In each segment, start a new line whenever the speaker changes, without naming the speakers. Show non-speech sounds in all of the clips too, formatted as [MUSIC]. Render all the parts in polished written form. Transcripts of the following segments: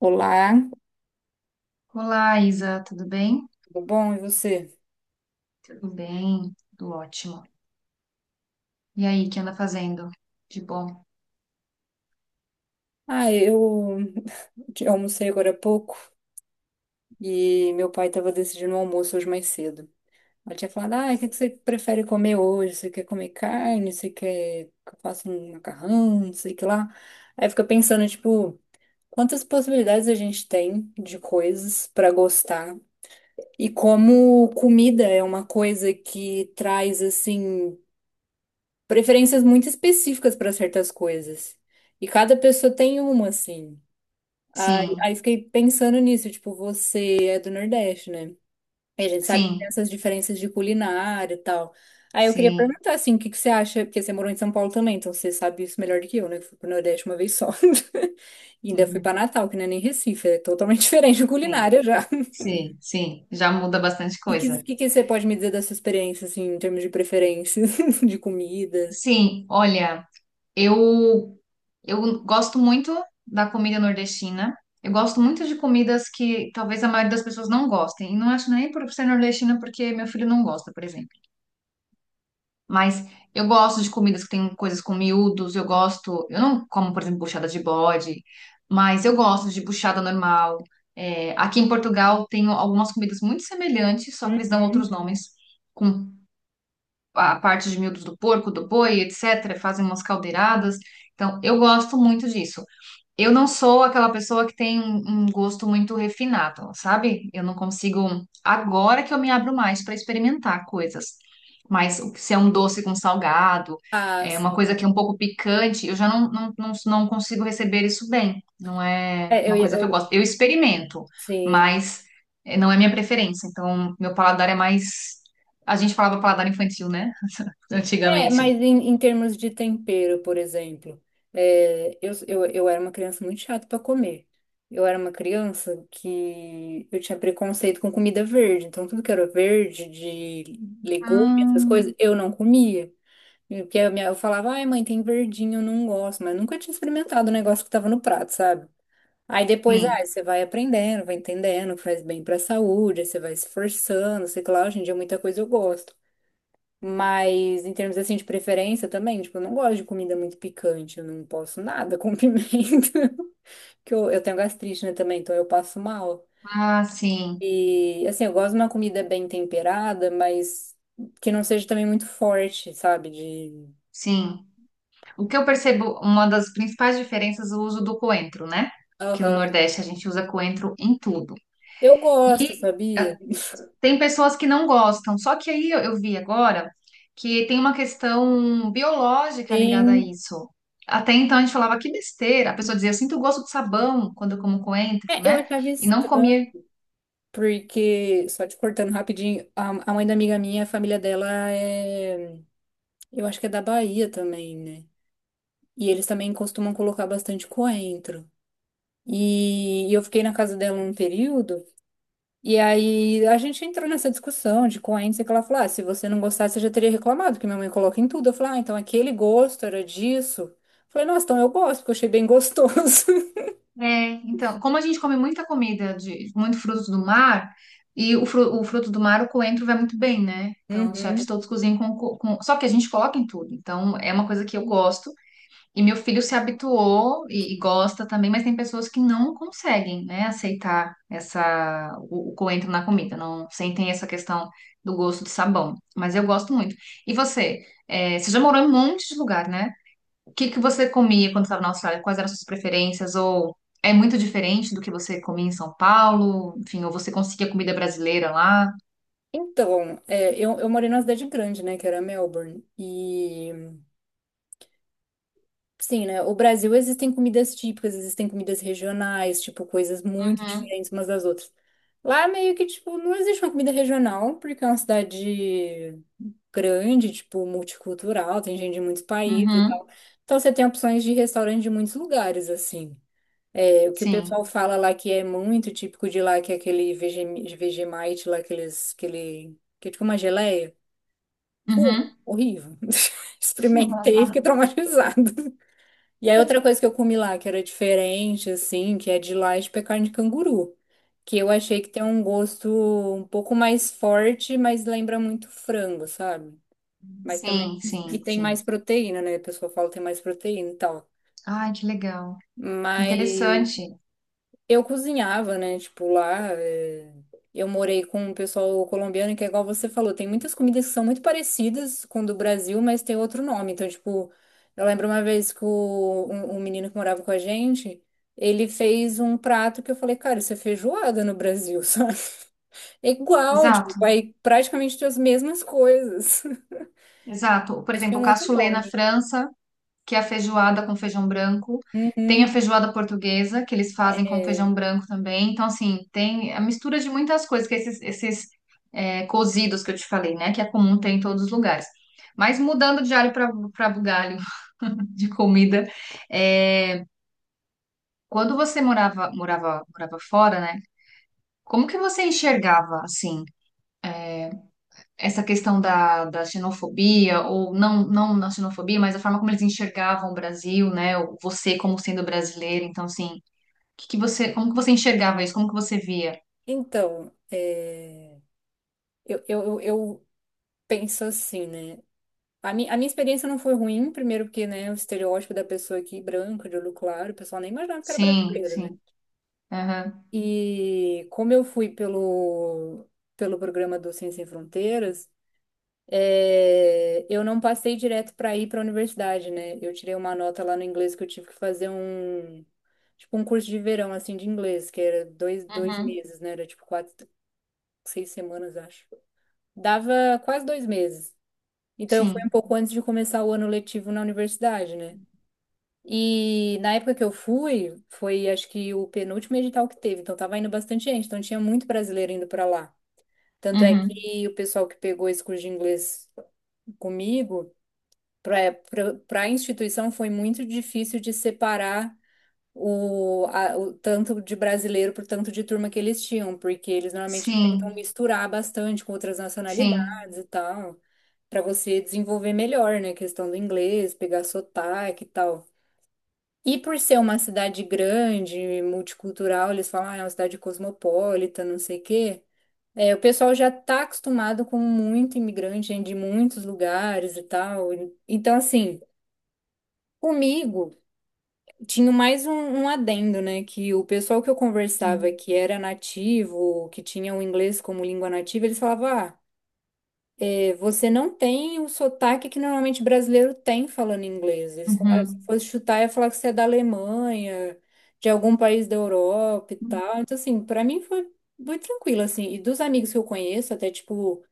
Olá,
Olá, Isa, tudo bem?
tudo bom? E você?
Tudo bem, tudo ótimo. E aí, o que anda fazendo? De bom?
Ah, eu almocei agora há pouco e meu pai estava decidindo o almoço hoje mais cedo. Ela tinha falado, ah, o que que você prefere comer hoje? Você quer comer carne? Você quer que eu faça um macarrão? Não sei o que lá. Aí fica pensando, tipo, quantas possibilidades a gente tem de coisas para gostar e como comida é uma coisa que traz, assim, preferências muito específicas para certas coisas. E cada pessoa tem uma, assim. Aí,
Sim,
aí fiquei pensando nisso, tipo, você é do Nordeste, né? E a gente sabe que tem
sim,
essas diferenças de culinária e tal. Aí eu queria
sim,
perguntar, assim, o que que você acha, porque você morou em São Paulo também, então você sabe isso melhor do que eu, né? Eu fui pro Nordeste uma vez só. [LAUGHS] E ainda fui pra Natal, que não é nem Recife, é totalmente [LAUGHS] diferente de
sim,
culinária já. [LAUGHS]
sim, sim. Já muda bastante
E
coisa.
que você pode me dizer dessa experiência, assim, em termos de preferências, [LAUGHS] de comida?
Sim, olha, eu eu gosto muito da comida nordestina. Eu gosto muito de comidas que talvez a maioria das pessoas não gostem. E não acho nem por ser nordestina porque meu filho não gosta, por exemplo. Mas eu gosto de comidas que tem coisas com miúdos, eu gosto. Eu não como, por exemplo, buchada de bode, mas eu gosto de buchada normal. É, aqui em Portugal tem algumas comidas muito semelhantes, só que eles dão outros
Uhum.
nomes, com a parte de miúdos do porco, do boi, etc. Fazem umas caldeiradas. Então, eu gosto muito disso. Eu não sou aquela pessoa que tem um gosto muito refinado, sabe? Eu não consigo. Agora que eu me abro mais para experimentar coisas. Mas se é um doce com salgado,
Ah,
é uma coisa
sim.
que é um pouco picante, eu já não, não, não, não consigo receber isso bem. Não é
É, eu,
uma
ia-
coisa que eu
eu,
gosto. Eu experimento,
sim.
mas não é minha preferência. Então, meu paladar é mais. A gente falava paladar infantil, né?
É,
Antigamente.
mas em termos de tempero, por exemplo, é, eu era uma criança muito chata para comer. Eu era uma criança que eu tinha preconceito com comida verde, então tudo que era verde, de legume, essas
Ah,
coisas, eu não comia. Porque eu falava, ai mãe, tem verdinho, eu não gosto, mas nunca tinha experimentado o negócio que tava no prato, sabe? Aí depois, ah,
sim.
você vai aprendendo, vai entendendo que faz bem pra saúde, aí você vai se esforçando, sei lá, hoje em dia muita coisa eu gosto. Mas em termos assim de preferência também, tipo, eu não gosto de comida muito picante, eu não posso nada com [LAUGHS] pimenta. Porque eu tenho gastrite, né, também, então eu passo mal.
Ah, sim.
E assim, eu gosto de uma comida bem temperada, mas que não seja também muito forte, sabe? De.
Sim. O que eu percebo, uma das principais diferenças é o uso do coentro, né? Que no
Aham.
Nordeste a gente usa coentro em tudo.
Eu
E
gosto, sabia?
eh, tem pessoas que não gostam, só que aí eu vi agora que tem uma questão biológica ligada a
Sim.
isso. Até então a gente falava que besteira, a pessoa dizia, eu sinto o gosto de sabão quando eu como coentro,
É, eu
né?
achava
E não
estranho,
comia.
porque, só te cortando rapidinho, a mãe da amiga minha, a família dela é. Eu acho que é da Bahia também, né? E eles também costumam colocar bastante coentro. E eu fiquei na casa dela um período, e aí a gente entrou nessa discussão de coentro, sei que ela falou, ah, se você não gostasse, você já teria reclamado, que minha mãe coloca em tudo. Eu falei, ah, então aquele gosto era disso. Eu falei, nossa, então eu gosto, porque eu achei bem gostoso. [LAUGHS]
É, então, como a gente come muita comida de muito frutos do mar, e o fruto do mar, o coentro vai muito bem, né? Então, os chefes
Uhum.
todos cozinham com. Só que a gente coloca em tudo. Então, é uma coisa que eu gosto. E meu filho se habituou e gosta também, mas tem pessoas que não conseguem, né, aceitar essa, o coentro na comida, não sentem essa questão do gosto de sabão. Mas eu gosto muito. E você? É, você já morou em um monte de lugar, né? O que que você comia quando estava na Austrália? Quais eram as suas preferências? Ou é muito diferente do que você comia em São Paulo? Enfim, ou você conseguia comida brasileira lá?
Então, é, eu morei numa cidade grande, né, que era Melbourne. E, sim, né, o Brasil existem comidas típicas, existem comidas regionais, tipo, coisas muito
Uhum,
diferentes umas das outras. Lá meio que, tipo, não existe uma comida regional, porque é uma cidade grande, tipo, multicultural, tem gente de muitos países e
uhum,
tal. Então você tem opções de restaurante de muitos lugares, assim. É, o que o pessoal
sim.
fala lá que é muito típico de lá, que é aquele Vegemite lá, aqueles, aquele, que é tipo uma geleia. Ruim,
Uhum.
horrível. [LAUGHS] Experimentei,
[LAUGHS]
fiquei traumatizada. E aí outra coisa que eu comi lá, que era diferente, assim, que é de lá, é de carne de canguru. Que eu achei que tem um gosto um pouco mais forte, mas lembra muito frango, sabe? Mas também.
Sim,
E
sim,
tem
sim.
mais proteína, né? A pessoa fala que tem mais proteína e tal.
Ai, que legal.
Mas
Interessante.
eu cozinhava, né? Tipo, lá eu morei com um pessoal colombiano que é igual você falou. Tem muitas comidas que são muito parecidas com o do Brasil, mas tem outro nome. Então, tipo, eu lembro uma vez que um menino que morava com a gente, ele fez um prato que eu falei, cara, isso é feijoada no Brasil, [LAUGHS] sabe? É igual, tipo,
Exato,
vai praticamente ter as mesmas coisas. [LAUGHS]
exato. Por
Mas tinha
exemplo, o
um outro
cassoulet na
nome.
França que é a feijoada com feijão branco. Tem a
Uhum.
feijoada portuguesa, que eles fazem
É,
com feijão branco também. Então, assim, tem a mistura de muitas coisas, que é esses cozidos que eu te falei, né? Que é comum ter em todos os lugares. Mas mudando de alho para bugalho [LAUGHS] de comida, é, quando você morava fora, né? Como que você enxergava, assim, essa questão da xenofobia, ou não, não na xenofobia, mas a forma como eles enxergavam o Brasil, né? Ou você como sendo brasileiro. Então, assim, que você, como que você enxergava isso? Como que você via?
então, eu penso assim, né? A minha experiência não foi ruim, primeiro porque, né, o estereótipo da pessoa aqui branca, de olho claro, o pessoal nem imaginava que era
Sim,
brasileira, né?
sim. Aham.
E como eu fui pelo, pelo programa do Ciência Sem Fronteiras, é, eu não passei direto para ir para a universidade, né? Eu tirei uma nota lá no inglês que eu tive que fazer um, tipo, um curso de verão, assim, de inglês, que era dois
Uhum.
meses, né? Era tipo quatro, 6 semanas, acho. Dava quase 2 meses. Então, eu fui um
Sim.
pouco antes de começar o ano letivo na universidade, né? E na época que eu fui, foi acho que o penúltimo edital que teve, então tava indo bastante gente, então tinha muito brasileiro indo para lá. Tanto é
Uhum.
que o pessoal que pegou esse curso de inglês comigo, para a instituição foi muito difícil de separar o tanto de brasileiro por tanto de turma que eles tinham, porque eles normalmente tentam
Sim.
misturar bastante com outras
Sim.
nacionalidades e tal, para você desenvolver melhor, né, a questão do inglês, pegar sotaque e tal. E por ser uma cidade grande, multicultural, eles falam, ah, é uma cidade cosmopolita, não sei o quê. É, o pessoal já está acostumado com muito imigrante, gente de muitos lugares e tal. Então, assim, comigo tinha mais um adendo, né? Que o pessoal que eu conversava
Sim.
que era nativo, que tinha o inglês como língua nativa, eles falavam, ah, você não tem o sotaque que normalmente brasileiro tem falando inglês. Eles falaram, se
Uhum.
fosse chutar, ia falar que você é da Alemanha, de algum país da Europa e
Uhum.
tal. Então, assim, pra mim foi muito tranquilo, assim. E dos amigos que eu conheço, até, tipo,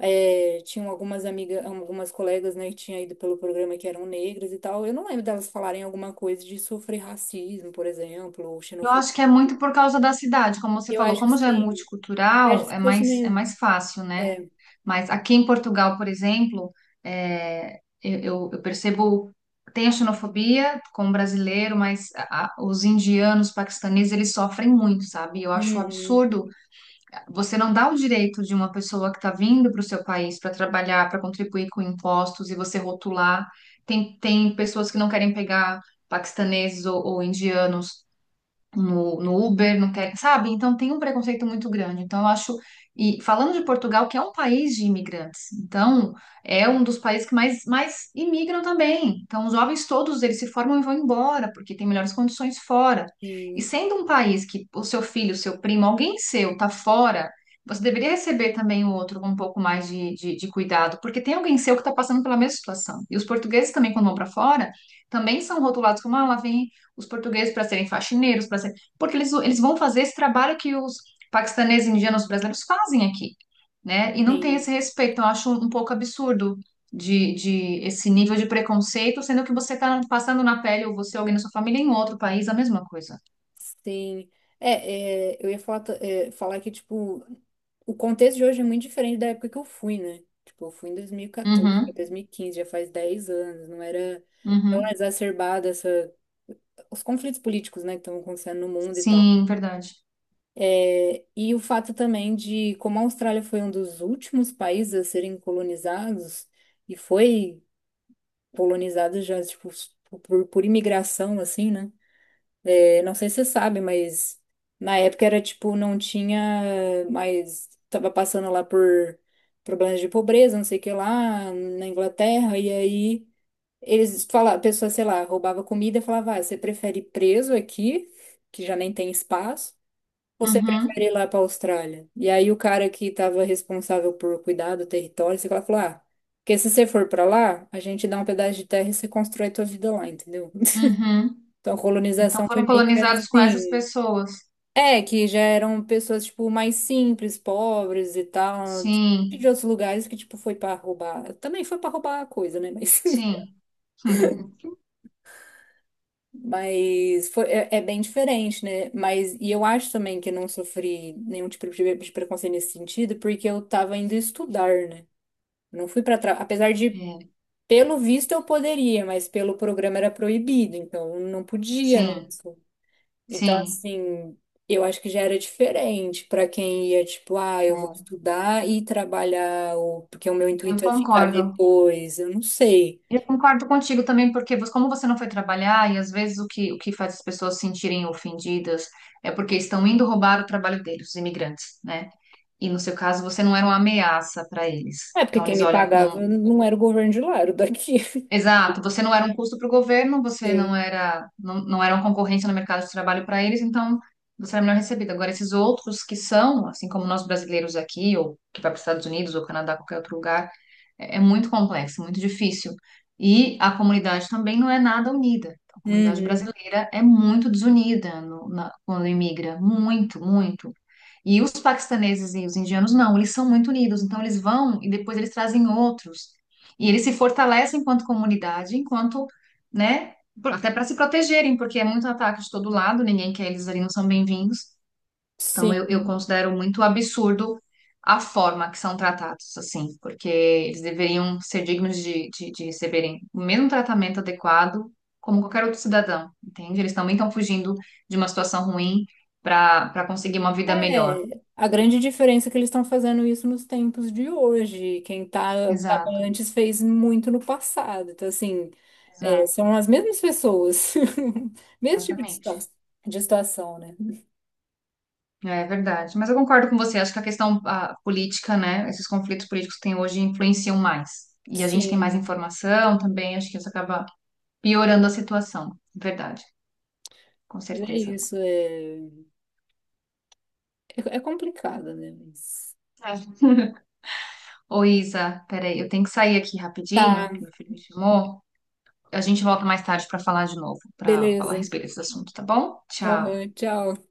é, tinham algumas amigas, algumas colegas, né, que tinham ido pelo programa que eram negras e tal. Eu não lembro delas falarem alguma coisa de sofrer racismo, por exemplo, ou
Eu
xenofobia.
acho que é muito por causa da cidade, como você
Eu
falou,
acho que
como já é
sim. Eu acho
multicultural,
que
é
se fosse
mais, é
meio...
mais fácil, né?
É.
Mas aqui em Portugal, por exemplo, é, eu percebo, tem a xenofobia com o brasileiro, mas os indianos, paquistaneses, eles sofrem muito, sabe? Eu acho um
Uhum,
absurdo você não dá o direito de uma pessoa que está vindo para o seu país para trabalhar, para contribuir com impostos e você rotular. Tem pessoas que não querem pegar paquistaneses ou indianos no Uber, não querem, sabe? Então tem um preconceito muito grande. Então eu acho, e falando de Portugal, que é um país de imigrantes, então é um dos países que mais imigram também. Então os jovens todos eles se formam e vão embora, porque tem melhores condições fora. E
sim,
sendo um país que o seu filho, o seu primo, alguém seu tá fora, você deveria receber também o outro com um pouco mais de cuidado, porque tem alguém seu que está passando pela mesma situação. E os portugueses também, quando vão para fora, também são rotulados como, ah, lá vem os portugueses para serem faxineiros, para ser, porque eles vão fazer esse trabalho que os paquistaneses, indianos, brasileiros fazem aqui, né? E não tem
sim.
esse respeito. Então, eu acho um pouco absurdo de esse nível de preconceito, sendo que você está passando na pele, ou você, ou alguém da sua família, em outro país, a mesma coisa.
Sim. É, é, eu ia falar, é, falar que, tipo, o contexto de hoje é muito diferente da época que eu fui, né? Tipo, eu fui em 2014, pra
Uhum,
2015 já faz 10 anos, não era tão
uhum.
exacerbada essa, os conflitos políticos, né, que estão acontecendo no mundo e tal.
Sim, verdade.
É, e o fato também de como a Austrália foi um dos últimos países a serem colonizados, e foi colonizado já, tipo, por imigração, assim, né? É, não sei se você sabe, mas na época era tipo, não tinha mais. Tava passando lá por problemas de pobreza, não sei o que lá, na Inglaterra, e aí eles falavam, a pessoa, sei lá, roubava comida e falava, ah, você prefere ir preso aqui, que já nem tem espaço, ou você
Uhum,
prefere ir lá pra Austrália? E aí o cara que tava responsável por cuidar do território, sei lá, falou, ah, porque se você for pra lá, a gente dá um pedaço de terra e você constrói tua vida lá, entendeu?
uhum.
Então, a
Então
colonização foi
foram
meio que
colonizados com essas
assim.
pessoas.
É, que já eram pessoas, tipo, mais simples, pobres e tal, de,
Sim,
outros lugares que, tipo, foi pra roubar. Também foi pra roubar a coisa, né? Mas,
sim. [LAUGHS]
[LAUGHS] mas foi, é, é bem diferente, né? Mas, e eu acho também que eu não sofri nenhum tipo de preconceito nesse sentido, porque eu tava indo estudar, né? Não fui pra trás. Apesar de,
É,
pelo visto, eu poderia, mas pelo programa era proibido, então não podia, né?
sim,
Então,
sim.
assim, eu acho que já era diferente para quem ia, tipo, ah, eu vou
É,
estudar e trabalhar, ou porque o meu
eu
intuito é ficar
concordo.
depois, eu não sei.
Eu concordo contigo também, porque como você não foi trabalhar, e às vezes o que faz as pessoas se sentirem ofendidas é porque estão indo roubar o trabalho deles, os imigrantes, né? E no seu caso, você não era uma ameaça para eles.
É porque
Então
quem
eles
me
olham
pagava
com.
não era o governo de lá, era o daqui. [LAUGHS]
Exato, você não era um custo para o governo, você não
Sim.
era, não, não era uma concorrência no mercado de trabalho para eles, então você era melhor recebido. Agora, esses outros que são, assim como nós brasileiros aqui, ou que vai para os Estados Unidos, ou Canadá, qualquer outro lugar é muito complexo, muito difícil. E a comunidade também não é nada unida. A comunidade
Uhum.
brasileira é muito desunida quando imigra, muito, muito. E os paquistaneses e os indianos não, eles são muito unidos. Então eles vão e depois eles trazem outros. E eles se fortalecem enquanto comunidade, enquanto, né, até para se protegerem, porque é muito ataque de todo lado, ninguém quer eles ali, não são bem-vindos. Então, eu
Sim.
considero muito absurdo a forma que são tratados, assim, porque eles deveriam ser dignos de receberem o mesmo tratamento adequado como qualquer outro cidadão, entende? Eles também estão fugindo de uma situação ruim para conseguir uma vida melhor.
É, a grande diferença é que eles estão fazendo isso nos tempos de hoje. Quem tá, tava
Exato,
antes fez muito no passado. Então, assim, é, são
exato,
as mesmas pessoas, [LAUGHS] mesmo tipo de
exatamente.
de situação, né?
É verdade. Mas eu concordo com você, acho que a questão a política, né, esses conflitos políticos que tem hoje influenciam mais. E a gente tem mais
Sim.
informação também, acho que isso acaba piorando a situação. Verdade. Com
É
certeza.
isso, é, é, é complicado, né? Mas...
É. [LAUGHS] Ô, Isa, peraí, eu tenho que sair aqui
Tá,
rapidinho, que meu filho me chamou. A gente volta mais tarde para falar de novo, para falar a
beleza.
respeito desse assunto, tá bom?
Aham,
Tchau.
tchau.